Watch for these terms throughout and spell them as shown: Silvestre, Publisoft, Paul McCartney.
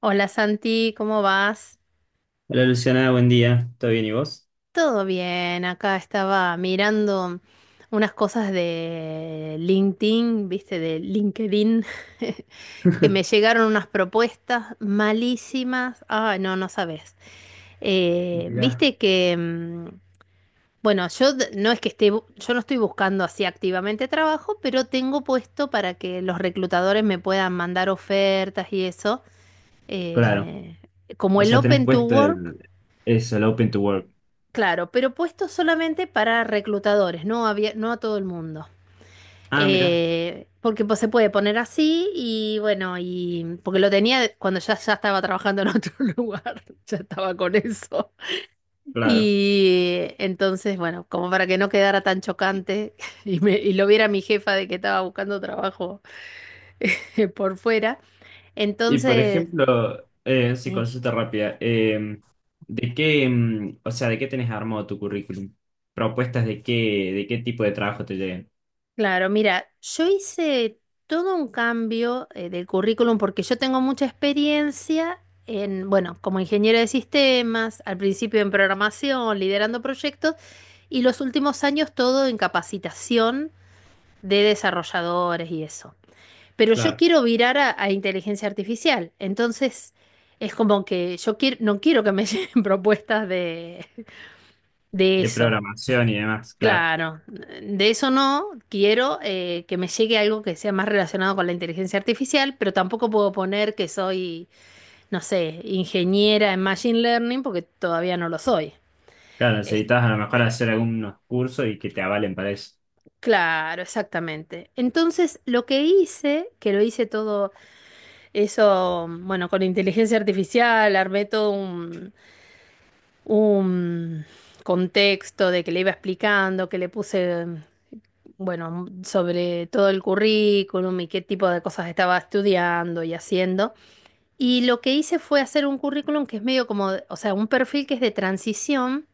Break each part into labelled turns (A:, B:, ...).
A: Hola Santi, ¿cómo vas?
B: Hola Luciana, buen día. ¿Todo bien y vos?
A: Todo bien, acá estaba mirando unas cosas de LinkedIn, viste, de LinkedIn, que me llegaron unas propuestas malísimas. Ah, no, no sabes.
B: Mira.
A: Viste que, bueno, no es que esté, yo no estoy buscando así activamente trabajo, pero tengo puesto para que los reclutadores me puedan mandar ofertas y eso
B: Claro.
A: eh, como
B: O
A: el
B: sea, tenés
A: Open to
B: puesto
A: Work.
B: el, eso, el Open to Work.
A: Claro, pero puesto solamente para reclutadores, no había, no a todo el mundo.
B: Ah, mira,
A: Porque pues, se puede poner así y bueno, y porque lo tenía cuando ya estaba trabajando en otro lugar, ya estaba con eso.
B: claro.
A: Y entonces, bueno, como para que no quedara tan chocante y, y lo viera mi jefa de que estaba buscando trabajo por fuera.
B: Y por
A: Entonces,
B: ejemplo, sí,
A: sí.
B: consulta rápida. ¿De qué, o sea, de qué tenés armado tu currículum? ¿Propuestas de qué tipo de trabajo te lleguen?
A: Claro, mira, yo hice todo un cambio del currículum porque yo tengo mucha experiencia en, bueno, como ingeniero de sistemas, al principio en programación, liderando proyectos y los últimos años todo en capacitación de desarrolladores y eso. Pero yo
B: Claro.
A: quiero virar a inteligencia artificial, entonces es como que yo quiero, no quiero que me lleguen propuestas de
B: De
A: eso.
B: programación y demás, claro.
A: Claro, de eso no quiero que me llegue algo que sea más relacionado con la inteligencia artificial, pero tampoco puedo poner que soy, no sé, ingeniera en machine learning porque todavía no lo soy.
B: Claro,
A: Es-
B: necesitas a lo mejor hacer algunos cursos y que te avalen para eso.
A: claro, exactamente. Entonces, lo que hice, que lo hice todo eso, bueno, con inteligencia artificial, armé todo un contexto de que le iba explicando, que le puse bueno, sobre todo el currículum y qué tipo de cosas estaba estudiando y haciendo. Y lo que hice fue hacer un currículum que es medio como, o sea, un perfil que es de transición,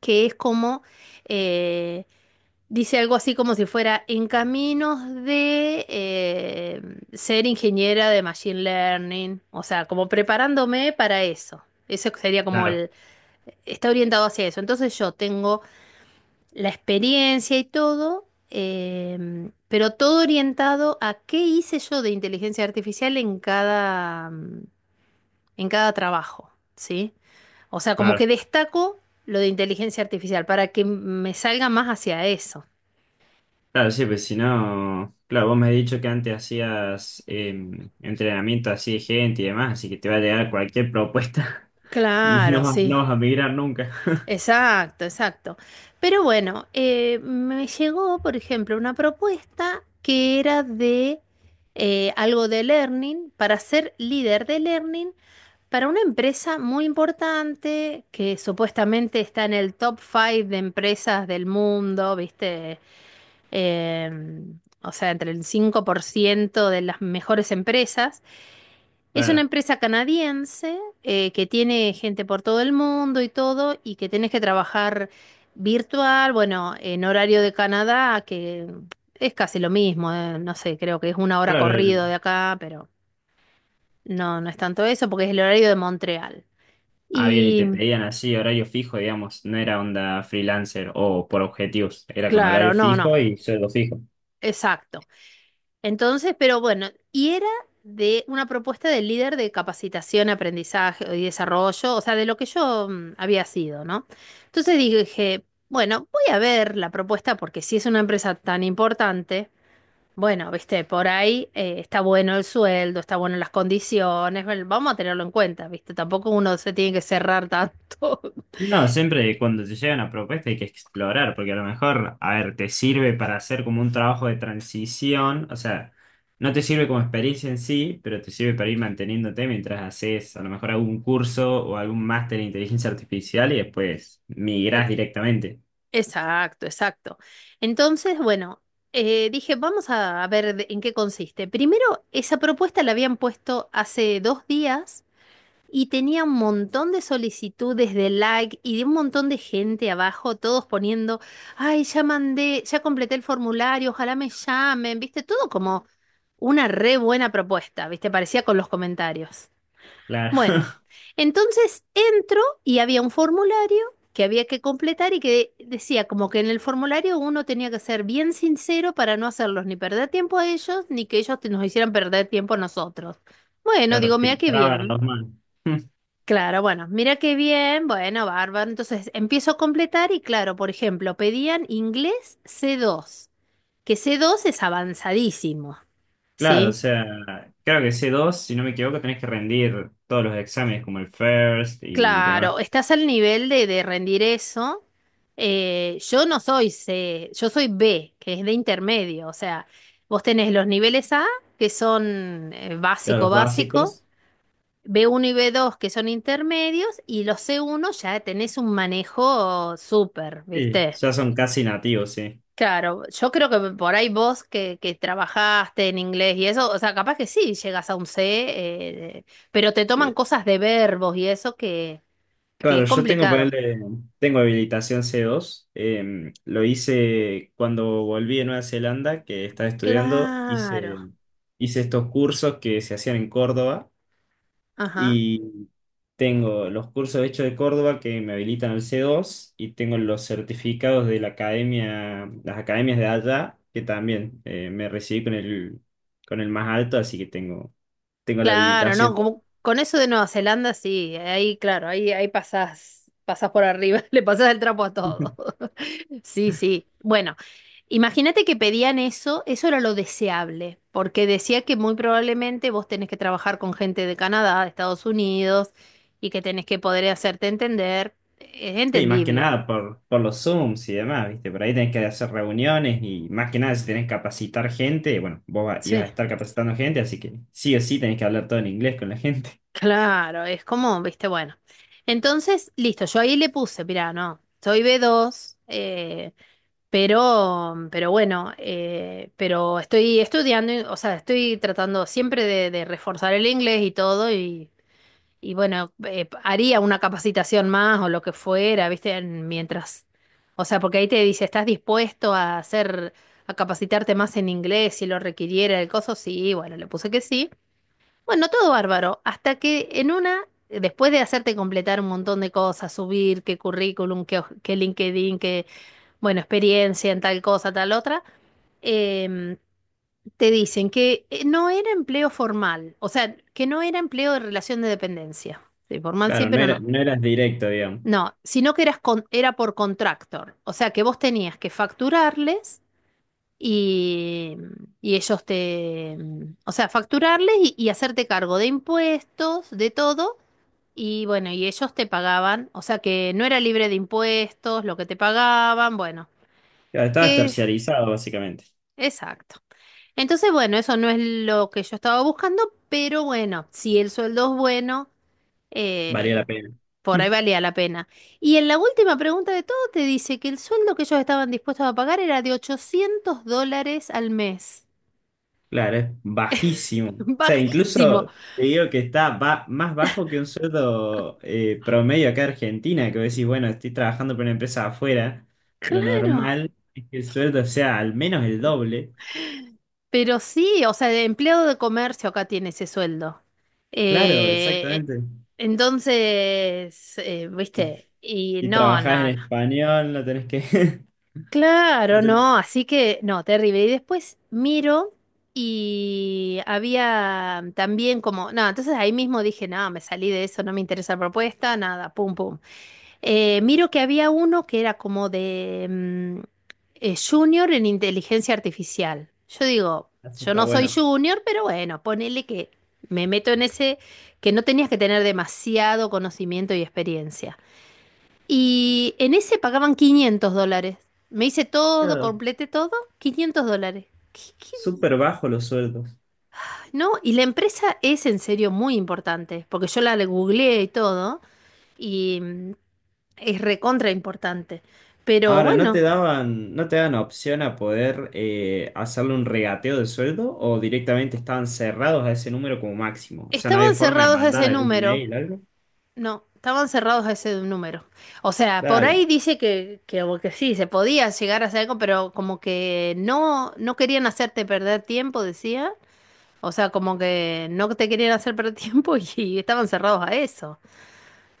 A: que es como, eh, dice algo así como si fuera en caminos de ser ingeniera de Machine Learning, o sea, como preparándome para eso. Eso sería como
B: Claro,
A: el, está orientado hacia eso. Entonces yo tengo la experiencia y todo, pero todo orientado a qué hice yo de inteligencia artificial en cada, en cada trabajo, ¿sí? O sea, como que
B: claro.
A: destaco lo de inteligencia artificial para que me salga más hacia eso.
B: Claro, sí, pues si no, claro, vos me has dicho que antes hacías entrenamiento así de gente y demás, así que te va a llegar cualquier propuesta. Y
A: Claro,
B: no, no
A: sí.
B: vas a migrar nunca.
A: Exacto, exacto. Pero bueno, me llegó, por ejemplo, una propuesta que era de algo de learning, para ser líder de learning para una empresa muy importante que supuestamente está en el top 5 de empresas del mundo, ¿viste? O sea, entre el 5% de las mejores empresas. Es una
B: Claro,
A: empresa canadiense que tiene gente por todo el mundo y todo, y que tenés que trabajar virtual, bueno, en horario de Canadá, que es casi lo mismo, no sé, creo que es una hora
B: claro.
A: corrido de acá, pero no, no es tanto eso, porque es el horario de Montreal.
B: Ah, bien, y
A: Y
B: te pedían así horario fijo, digamos, no era onda freelancer o por objetivos, era con
A: claro,
B: horario
A: no, no,
B: fijo y sueldo fijo.
A: exacto. Entonces, pero bueno, y era de una propuesta del líder de capacitación, aprendizaje y desarrollo, o sea, de lo que yo había sido, ¿no? Entonces dije, bueno, voy a ver la propuesta porque si es una empresa tan importante, bueno, viste, por ahí está bueno el sueldo, está bueno las condiciones, bueno, vamos a tenerlo en cuenta, viste, tampoco uno se tiene que cerrar tanto.
B: No, siempre cuando te llega una propuesta hay que explorar, porque a lo mejor, a ver, te sirve para hacer como un trabajo de transición, o sea, no te sirve como experiencia en sí, pero te sirve para ir manteniéndote mientras haces a lo mejor algún curso o algún máster en inteligencia artificial y después migrás directamente.
A: Exacto, exacto. Entonces, bueno, dije, vamos a ver en qué consiste. Primero, esa propuesta la habían puesto hace dos días y tenía un montón de solicitudes de like y de un montón de gente abajo, todos poniendo, ay, ya mandé, ya completé el formulario, ojalá me llamen, viste, todo como una re buena propuesta, viste, parecía con los comentarios.
B: Claro.
A: Bueno, entonces entro y había un formulario que había que completar y que decía como que en el formulario uno tenía que ser bien sincero para no hacerlos ni perder tiempo a ellos ni que ellos nos hicieran perder tiempo a nosotros. Bueno,
B: Claro,
A: digo, mira qué
B: filtraban
A: bien.
B: los manos.
A: Claro, bueno, mira qué bien, bueno, bárbaro. Entonces empiezo a completar y claro, por ejemplo, pedían inglés C2, que c dos es avanzadísimo,
B: Claro, o
A: ¿sí?
B: sea, creo que C2 si no me equivoco, tenés que rendir todos los exámenes como el FIRST y demás.
A: Claro, estás al nivel de rendir eso. Yo no soy C, yo soy B, que es de intermedio. O sea, vos tenés los niveles A, que son
B: Claro,
A: básico,
B: los
A: básico,
B: básicos.
A: B1 y B2, que son intermedios, y los C1 ya tenés un manejo súper,
B: Sí,
A: ¿viste?
B: ya son casi nativos, sí.
A: Claro, yo creo que por ahí vos que trabajaste en inglés y eso, o sea, capaz que sí llegas a un C, eh, pero te toman cosas de verbos y eso que
B: Claro,
A: es
B: yo tengo,
A: complicado.
B: ponerle, tengo habilitación C2. Lo hice cuando volví de Nueva Zelanda, que estaba estudiando.
A: Claro,
B: Hice estos cursos que se hacían en Córdoba
A: ajá,
B: y tengo los cursos hechos de Córdoba que me habilitan al C2 y tengo los certificados de la academia, las academias de allá, que también me recibí con el más alto, así que tengo, tengo la
A: claro, no,
B: habilitación.
A: como con eso de Nueva Zelanda, sí, ahí, claro, ahí, ahí pasás, pasás por arriba, le pasás el trapo a todo. Sí, sí. Bueno, imagínate que pedían eso, eso era lo deseable, porque decía que muy probablemente vos tenés que trabajar con gente de Canadá, de Estados Unidos, y que tenés que poder hacerte entender. Es
B: Sí, más que
A: entendible.
B: nada por, por los Zooms y demás, ¿viste? Por ahí tenés que hacer reuniones y más que nada si tenés que capacitar gente, bueno, ibas a estar capacitando gente, así que sí o sí tenés que hablar todo en inglés con la gente.
A: Claro, es como, viste, bueno. Entonces, listo, yo ahí le puse, mirá, no, soy B2, pero bueno, pero estoy estudiando, o sea, estoy tratando siempre de reforzar el inglés y todo, y bueno, haría una capacitación más o lo que fuera, viste, mientras, o sea, porque ahí te dice, ¿estás dispuesto a hacer, a capacitarte más en inglés si lo requiriera el coso? Sí, bueno, le puse que sí. Bueno, todo bárbaro, hasta que en una, después de hacerte completar un montón de cosas, subir qué currículum, qué, qué LinkedIn, qué, bueno, experiencia en tal cosa, tal otra, em, te dicen que no era empleo formal, o sea, que no era empleo de relación de dependencia. Sí, formal sí,
B: Claro, no
A: pero
B: era,
A: no.
B: no eras directo, digamos.
A: No, sino que eras era por contractor, o sea, que vos tenías que facturarles y, y ellos te, o sea, facturarles y hacerte cargo de impuestos, de todo. Y bueno, y ellos te pagaban, o sea que no era libre de impuestos, lo que te pagaban, bueno,
B: Claro, estabas
A: que
B: terciarizado, básicamente.
A: exacto. Entonces, bueno, eso no es lo que yo estaba buscando, pero bueno, si el sueldo es bueno,
B: Valía la
A: eh,
B: pena.
A: por ahí valía la pena. Y en la última pregunta de todo te dice que el sueldo que ellos estaban dispuestos a pagar era de $800 al mes.
B: Claro, es bajísimo. O sea,
A: Bajísimo,
B: incluso te digo que está más bajo que un sueldo promedio acá en Argentina, que vos decís, bueno, estoy trabajando para una empresa afuera, lo
A: claro.
B: normal es que el sueldo sea al menos el doble.
A: Pero sí, o sea, de empleado de comercio acá tiene ese sueldo.
B: Claro,
A: Eh,
B: exactamente.
A: entonces,
B: Y,
A: viste, y
B: y
A: no,
B: trabajás en
A: no, no.
B: español, no tenés que... No
A: Claro,
B: tenés.
A: no, así que, no, terrible. Y después miro y había también como, no, entonces ahí mismo dije, no, me salí de eso, no me interesa la propuesta, nada, pum, pum. Miro que había uno que era como de junior en inteligencia artificial. Yo digo,
B: Eso
A: yo
B: está
A: no soy
B: bueno.
A: junior, pero bueno, ponele que me meto en ese que no tenías que tener demasiado conocimiento y experiencia. Y en ese pagaban $500. Me hice todo,
B: Claro,
A: completé todo, $500. ¿Qué- qué?
B: súper bajo los sueldos.
A: Ay, no, y la empresa es en serio muy importante, porque yo la googleé y todo, y es recontra importante. Pero
B: Ahora, ¿no te
A: bueno,
B: daban, no te dan opción a poder hacerle un regateo de sueldo o directamente estaban cerrados a ese número como máximo? O sea, no había
A: estaban
B: forma de
A: cerrados a
B: mandar
A: ese
B: algún
A: número.
B: mail, algo.
A: No, estaban cerrados a ese número. O sea, por
B: Claro,
A: ahí dice o que sí, se podía llegar a hacer algo, pero como que no, no querían hacerte perder tiempo, decía. O sea, como que no te querían hacer perder tiempo y estaban cerrados a eso.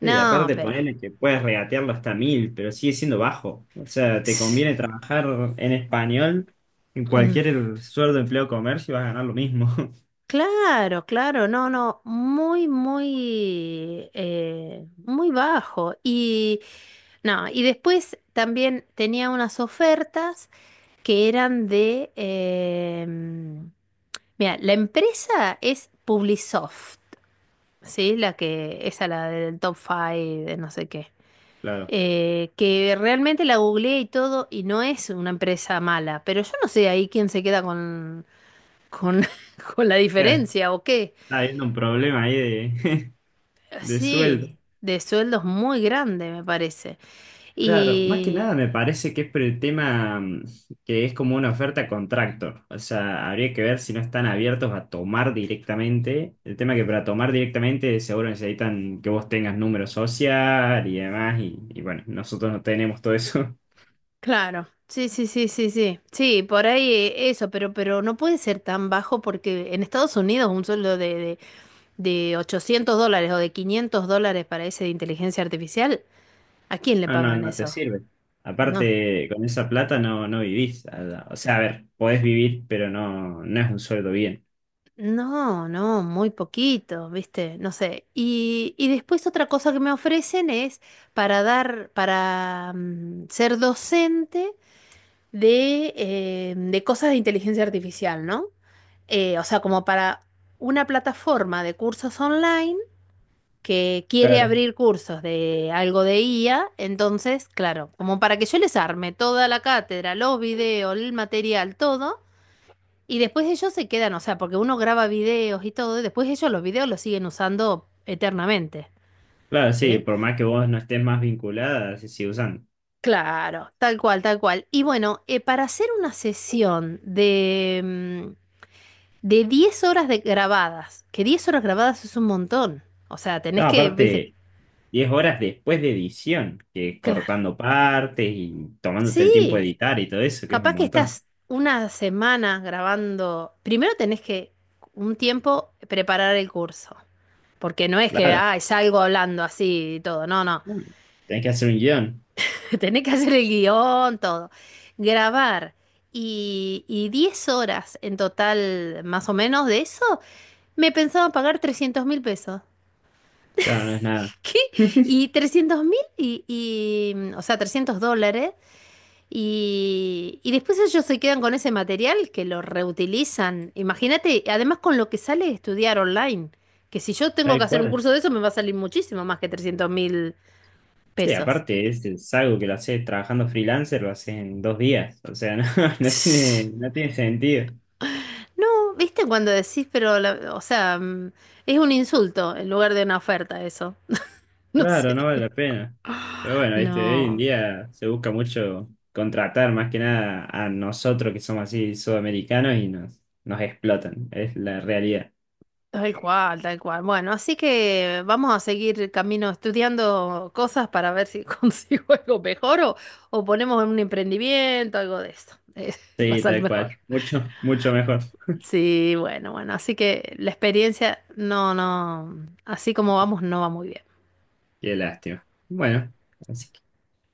B: sí, aparte
A: pero.
B: ponerle que puedes regatearlo hasta mil, pero sigue siendo bajo. O sea, te conviene trabajar en español, en
A: Mm,
B: cualquier sueldo, empleo, comercio, vas a ganar lo mismo.
A: claro, claro, no, no, muy, muy, muy bajo. Y no, y después también tenía unas ofertas que eran de… mira, la empresa es Publisoft, ¿sí? La que, esa la del top 5, de no sé qué.
B: Claro,
A: Que realmente la googleé y todo y no es una empresa mala, pero yo no sé ahí quién se queda con, con la
B: ya
A: diferencia o qué.
B: está habiendo un problema ahí de, de sueldo.
A: Sí, de sueldos muy grande me parece.
B: Claro, más que
A: Y,
B: nada me parece que es por el tema que es como una oferta a contrato. O sea, habría que ver si no están abiertos a tomar directamente. El tema que para tomar directamente seguro necesitan que vos tengas número social y demás. Y bueno, nosotros no tenemos todo eso.
A: claro, sí, sí, sí, sí, sí. Sí, por ahí eso, pero no puede ser tan bajo porque en Estados Unidos un sueldo de $800 o de $500 para ese de inteligencia artificial, ¿a quién le
B: No, no,
A: pagan
B: no te
A: eso?
B: sirve.
A: No,
B: Aparte, con esa plata no, no vivís. O sea, a ver, podés vivir, pero no, no es un sueldo bien.
A: no, no, muy poquito, ¿viste? No sé. Y después otra cosa que me ofrecen es para dar, para ser docente de cosas de inteligencia artificial, ¿no? O sea, como para una plataforma de cursos online que quiere
B: Claro.
A: abrir cursos de algo de IA, entonces, claro, como para que yo les arme toda la cátedra, los videos, el material, todo, y después ellos se quedan, o sea, porque uno graba videos y todo, y después ellos los videos los siguen usando eternamente,
B: Claro, sí,
A: ¿sí?
B: por más que vos no estés más vinculada, se sigue usando.
A: Claro, tal cual, tal cual. Y bueno, para hacer una sesión de, de 10 horas de grabadas, que 10 horas grabadas es un montón. O sea, tenés
B: No,
A: que, viste,
B: aparte, 10 horas después de edición, que es
A: claro.
B: cortando partes y tomándote el tiempo de
A: Sí,
B: editar y todo eso, que es un
A: capaz que
B: montón.
A: estás una semana grabando. Primero tenés que un tiempo preparar el curso. Porque no es que,
B: Claro,
A: ay, salgo hablando así y todo. No, no.
B: tenés que hacer un guión.
A: Tenés que hacer el guión, todo. Grabar. Y 10 horas en total, más o menos, de eso, me pensaba pagar 300.000 pesos.
B: Claro, no es nada.
A: ¿Qué? Y 300.000 y, o sea, $300. Y después ellos se quedan con ese material que lo reutilizan. Imagínate, además con lo que sale estudiar online, que si yo tengo que
B: Tal
A: hacer un
B: cual.
A: curso de eso me va a salir muchísimo más que trescientos mil
B: Sí,
A: pesos.
B: aparte, es algo que lo haces trabajando freelancer, lo haces en 2 días. O sea, no, no tiene, no tiene sentido.
A: No, ¿viste cuando decís, pero, o sea, es un insulto en lugar de una oferta eso? No
B: Claro,
A: sé.
B: no vale la pena. Pero bueno, viste, hoy en
A: No.
B: día se busca mucho contratar más que nada a nosotros que somos así sudamericanos y nos, nos explotan. Es la realidad.
A: Tal cual, tal cual. Bueno, así que vamos a seguir camino estudiando cosas para ver si consigo algo mejor o ponemos en un emprendimiento, algo de eso. Va a
B: Sí,
A: salir
B: tal
A: mejor.
B: cual. Mucho, mucho mejor.
A: Sí, bueno, bueno, así que la experiencia, no, no, así como vamos, no va muy bien.
B: Qué lástima. Bueno, así que.